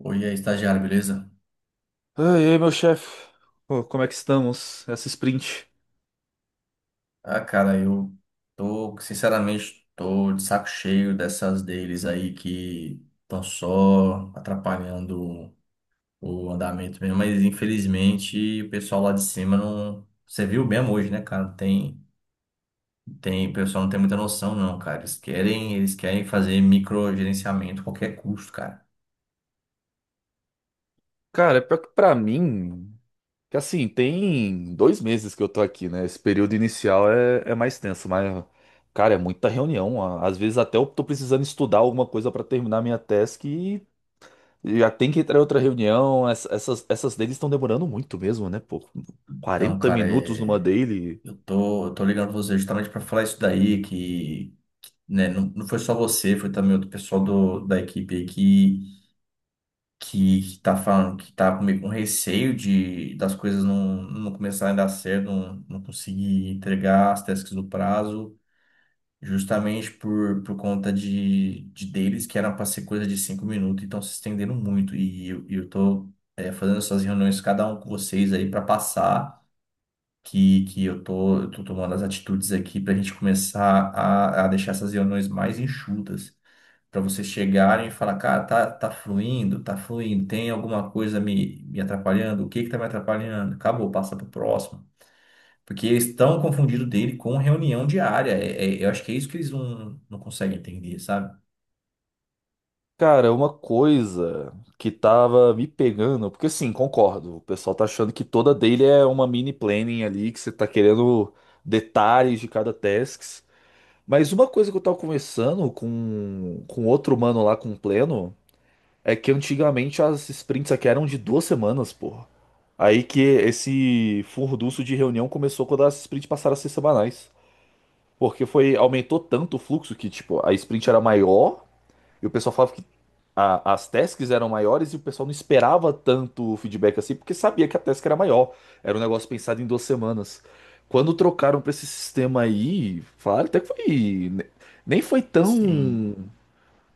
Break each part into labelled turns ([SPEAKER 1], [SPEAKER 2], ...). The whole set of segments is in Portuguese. [SPEAKER 1] Oi, aí, estagiário, beleza?
[SPEAKER 2] Ah, e aí, meu chefe? Pô, como é que estamos? Essa sprint.
[SPEAKER 1] Ah, cara, eu tô, sinceramente, tô de saco cheio dessas deles aí que estão só atrapalhando o andamento mesmo, mas infelizmente o pessoal lá de cima não. Você viu bem hoje, né, cara? Não Tem, tem, o pessoal não tem muita noção, não, cara. Eles querem fazer microgerenciamento a qualquer custo, cara.
[SPEAKER 2] Cara, pior que pra mim, que assim, tem 2 meses que eu tô aqui, né? Esse período inicial é mais tenso, mas, cara, é muita reunião. Às vezes até eu tô precisando estudar alguma coisa pra terminar minha task e já tem que entrar em outra reunião. Essas dailies estão demorando muito mesmo, né? Pô,
[SPEAKER 1] Então,
[SPEAKER 2] 40
[SPEAKER 1] cara,
[SPEAKER 2] minutos numa
[SPEAKER 1] é.
[SPEAKER 2] daily.
[SPEAKER 1] Eu tô ligando pra você justamente para falar isso daí, que, né, não foi só você, foi também outro pessoal do, da equipe aí que, que tá falando, que tá comigo com meio com receio de, das coisas não começarem a dar certo, não conseguir entregar as tasks no prazo, justamente por conta de deles, que era para ser coisa de 5 minutos, então se estendendo muito, e eu, e eu tô fazendo essas reuniões, cada um com vocês aí, para passar que, que eu tô tomando as atitudes aqui para a gente começar a deixar essas reuniões mais enxutas, para vocês chegarem e falar, cara, tá, tá fluindo, tem alguma coisa me, me atrapalhando, o que que tá me atrapalhando? Acabou, passa pro próximo. Porque eles estão confundindo dele com reunião diária. Eu acho que é isso que eles não conseguem entender, sabe?
[SPEAKER 2] Cara, uma coisa que tava me pegando, porque assim, concordo, o pessoal tá achando que toda dele é uma mini planning ali, que você tá querendo detalhes de cada task. Mas uma coisa que eu tava conversando com outro mano lá, com o Pleno, é que antigamente as sprints aqui eram de 2 semanas, porra. Aí que esse furdunço de reunião começou quando as sprints passaram a ser semanais. Porque foi, aumentou tanto o fluxo que, tipo, a sprint era maior e o pessoal falava que as tasks eram maiores e o pessoal não esperava tanto o feedback assim, porque sabia que a task era maior. Era um negócio pensado em 2 semanas. Quando trocaram pra esse sistema aí, falaram até que foi. Nem foi
[SPEAKER 1] Sim.
[SPEAKER 2] tão.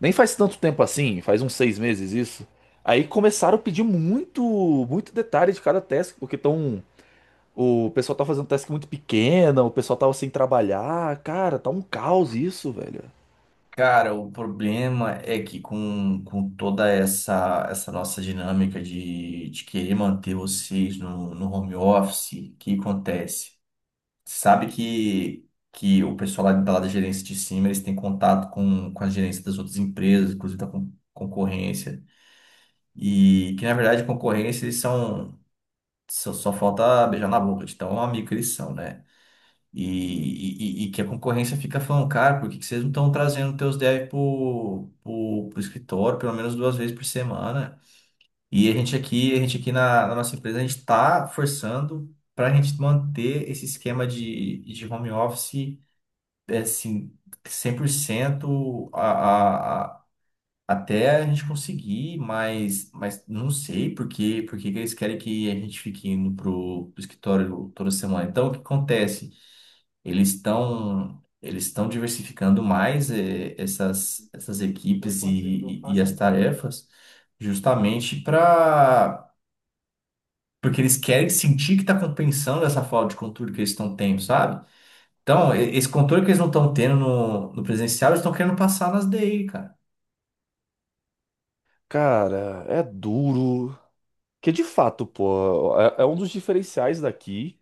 [SPEAKER 2] Nem faz tanto tempo assim, faz uns 6 meses isso. Aí começaram a pedir muito, muito detalhe de cada task, porque tão. O pessoal tá fazendo task muito pequena, o pessoal tava sem trabalhar. Cara, tá um caos isso, velho.
[SPEAKER 1] Cara, o problema é que com toda essa, essa nossa dinâmica de querer manter vocês no, no home office, o que acontece? Sabe que o pessoal lá da gerência de cima, eles têm contato com a gerência das outras empresas, inclusive da concorrência, e que na verdade concorrência eles são, só falta beijar na boca de tão amigo que eles são, né? E, e que a concorrência fica falando, cara, por que que vocês não estão trazendo teus devs pro escritório pelo menos 2 vezes por semana? E a gente aqui na, na nossa empresa, a gente está forçando para a gente manter esse esquema de home office, é, assim, 100% até a gente conseguir, mas não sei por quê, por que que eles querem que a gente fique indo pro, pro escritório toda semana. Então, o que acontece? Eles estão diversificando mais essas, essas equipes e as tarefas, justamente para porque eles querem sentir que está compensando essa falta de controle que eles estão tendo, sabe? Então, esse controle que eles não estão tendo no, no presencial, eles estão querendo passar nas DI, cara.
[SPEAKER 2] Cara, é duro. Que de fato, pô, é um dos diferenciais daqui.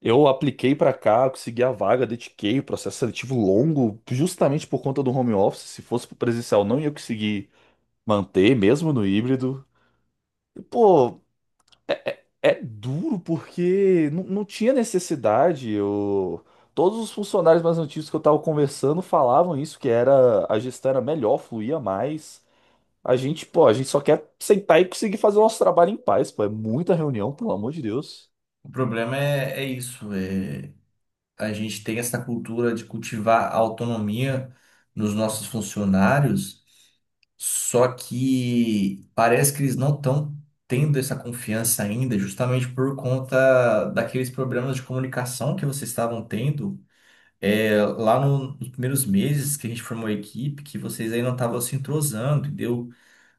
[SPEAKER 2] Eu apliquei pra cá, consegui a vaga, dediquei o processo seletivo longo, justamente por conta do home office. Se fosse pro presencial, não ia conseguir manter, mesmo no híbrido. E, pô, é duro porque não, não tinha necessidade. Eu... Todos os funcionários mais antigos que eu tava conversando falavam isso, que era a gestão era melhor, fluía mais. A gente, pô, a gente só quer sentar e conseguir fazer o nosso trabalho em paz, pô. É muita reunião, pelo amor de Deus.
[SPEAKER 1] O problema é, é isso. É a gente tem essa cultura de cultivar a autonomia nos nossos funcionários, só que parece que eles não estão tendo essa confiança ainda, justamente por conta daqueles problemas de comunicação que vocês estavam tendo. É, lá nos primeiros meses que a gente formou a equipe, que vocês aí não estavam se entrosando, entendeu?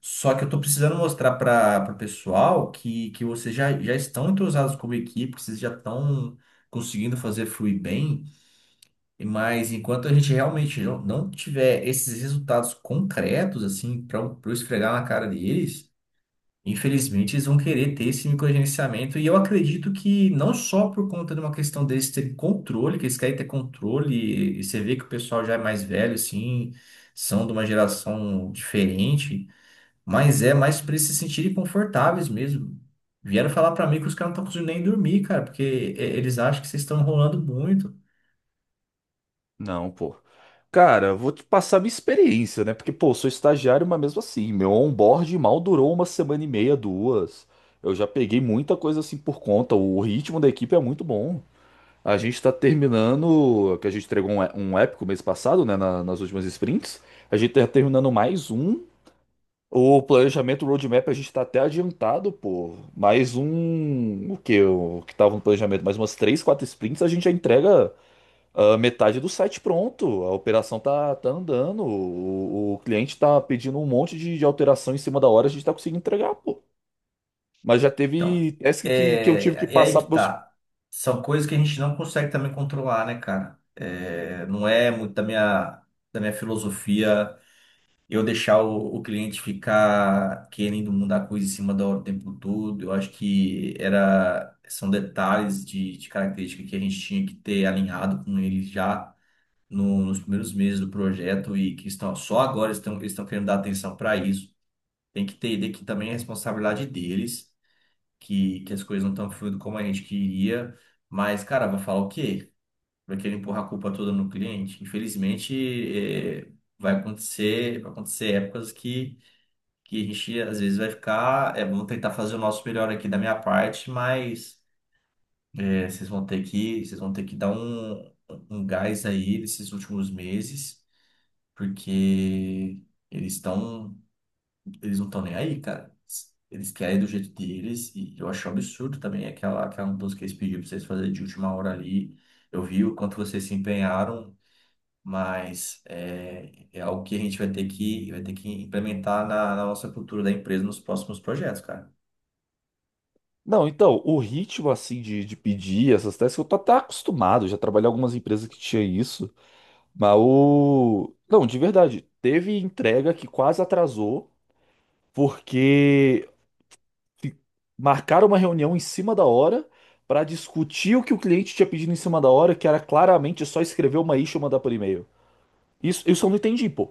[SPEAKER 1] Só que eu tô precisando mostrar para o pessoal que vocês já, já estão entrosados como equipe, que vocês já estão conseguindo fazer fluir bem. Mas enquanto a gente realmente não tiver esses resultados concretos, assim, para eu esfregar na cara deles, infelizmente eles vão querer ter esse microgerenciamento. E eu acredito que não só por conta de uma questão deles terem controle, que eles querem ter controle, e você vê que o pessoal já é mais velho, assim, são de uma geração diferente, mas é mais para eles se sentirem confortáveis mesmo. Vieram falar para mim que os caras não estão conseguindo nem dormir, cara, porque eles acham que vocês estão enrolando muito.
[SPEAKER 2] Não, pô. Cara, vou te passar minha experiência, né? Porque, pô, sou estagiário, mas mesmo assim, meu onboard mal durou uma semana e meia, duas. Eu já peguei muita coisa assim por conta. O ritmo da equipe é muito bom. A gente tá terminando, que a gente entregou um, um épico mês passado, né? Nas últimas sprints. A gente tá terminando mais um. O planejamento roadmap a gente tá até adiantado, pô. Mais um. O que? O que tava no planejamento? Mais umas três, quatro sprints, a gente já entrega. Ah, metade do site pronto, a operação tá andando, o cliente tá pedindo um monte de alteração em cima da hora, a gente tá conseguindo entregar, pô. Mas já
[SPEAKER 1] Então,
[SPEAKER 2] teve task que eu tive que
[SPEAKER 1] é, é aí
[SPEAKER 2] passar
[SPEAKER 1] que
[SPEAKER 2] pros meus.
[SPEAKER 1] tá. São coisas que a gente não consegue também controlar, né, cara? É, não é muito da minha filosofia eu deixar o cliente ficar querendo mudar a coisa em cima da hora o tempo todo. Eu acho que era, são detalhes de característica que a gente tinha que ter alinhado com ele já nos primeiros meses do projeto e que estão, só agora estão, eles estão querendo dar atenção para isso. Tem que ter, tem que também é responsabilidade deles que as coisas não estão fluindo como a gente queria, mas, cara, vai falar o quê? Vai querer empurrar a culpa toda no cliente? Infelizmente, é, vai acontecer épocas que a gente às vezes vai ficar, é, vamos tentar fazer o nosso melhor aqui da minha parte, mas é, vocês vão ter que dar um, um gás aí nesses últimos meses, porque eles estão eles não estão nem aí, cara. Eles querem do jeito deles e eu acho um absurdo também aquela, aquela música que eles pediram pra vocês fazerem de última hora ali. Eu vi o quanto vocês se empenharam, mas é, é algo que a gente vai ter que implementar na, na nossa cultura da empresa nos próximos projetos, cara.
[SPEAKER 2] Não, então, o ritmo assim de pedir essas tasks, eu tô até acostumado, já trabalhei em algumas empresas que tinha isso, mas o. Não, de verdade, teve entrega que quase atrasou, porque fi- marcaram uma reunião em cima da hora para discutir o que o cliente tinha pedido em cima da hora, que era claramente só escrever uma issue e mandar por e-mail. Isso eu não entendi, pô.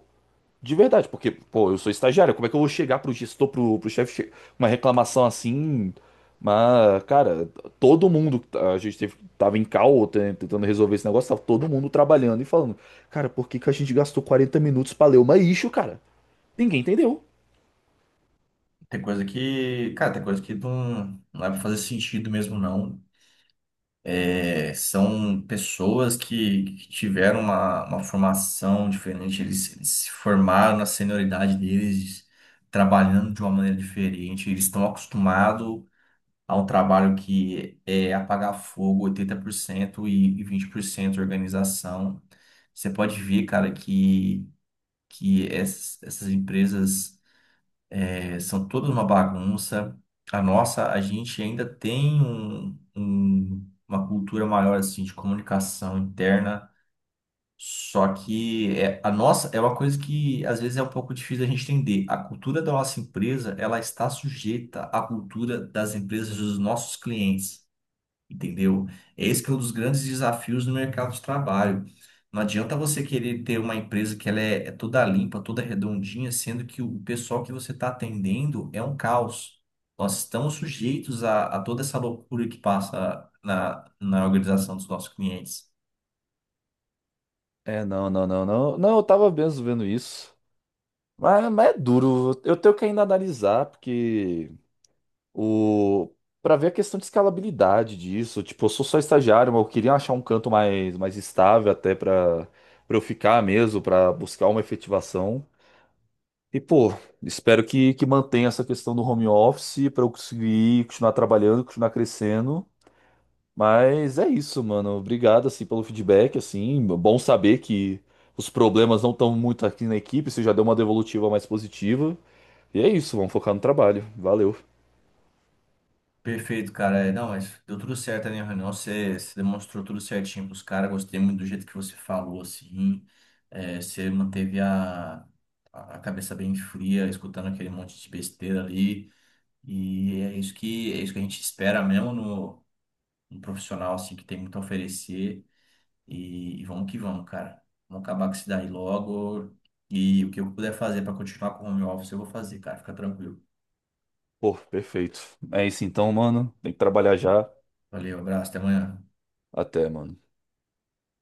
[SPEAKER 2] De verdade, porque, pô, eu sou estagiário, como é que eu vou chegar pro gestor, pro chefe, uma reclamação assim? Mas, cara, todo mundo, a gente teve, tava em call tentando resolver esse negócio, tava todo mundo trabalhando e falando, cara, por que que a gente gastou 40 minutos pra ler uma issue, cara? Ninguém entendeu.
[SPEAKER 1] Tem coisa que, cara, tem coisa que não vai fazer sentido mesmo, não. É, são pessoas que tiveram uma formação diferente, eles se formaram na senioridade deles, trabalhando de uma maneira diferente, eles estão acostumados a um trabalho que é apagar fogo, 80% e 20% organização. Você pode ver, cara, que essas, essas empresas. É, são todos uma bagunça. A nossa, a gente ainda tem uma cultura maior assim de comunicação interna, só que é, a nossa é uma coisa que às vezes é um pouco difícil a gente entender. A cultura da nossa empresa, ela está sujeita à cultura das empresas dos nossos clientes, entendeu? Esse que é um dos grandes desafios no mercado de trabalho. Não adianta você querer ter uma empresa que ela é, é toda limpa, toda redondinha, sendo que o pessoal que você está atendendo é um caos. Nós estamos sujeitos a toda essa loucura que passa na, na organização dos nossos clientes.
[SPEAKER 2] É, não, não, não, não. Não, eu tava mesmo vendo isso. Mas é duro. Eu tenho que ainda analisar, porque o. Pra ver a questão de escalabilidade disso. Tipo, eu sou só estagiário, mas eu queria achar um canto mais, mais estável até pra, pra eu ficar mesmo, pra buscar uma efetivação. E, pô, espero que mantenha essa questão do home office pra eu conseguir continuar trabalhando, continuar crescendo. Mas é isso, mano. Obrigado, assim, pelo feedback, assim. Bom saber que os problemas não estão muito aqui na equipe, você já deu uma devolutiva mais positiva. E é isso, vamos focar no trabalho. Valeu.
[SPEAKER 1] Perfeito, cara. É, não, mas deu tudo certo ali na reunião. Você, você demonstrou tudo certinho pros caras. Gostei muito do jeito que você falou, assim. É, você manteve a cabeça bem fria, escutando aquele monte de besteira ali. E é isso que a gente espera mesmo no, no profissional, assim, que tem muito a oferecer. E vamos que vamos, cara. Vamos acabar com isso daí logo. E o que eu puder fazer para continuar com o home office, eu vou fazer, cara. Fica tranquilo.
[SPEAKER 2] Pô, perfeito. É isso então, mano. Tem que trabalhar já.
[SPEAKER 1] Valeu, abraço, até amanhã.
[SPEAKER 2] Até, mano.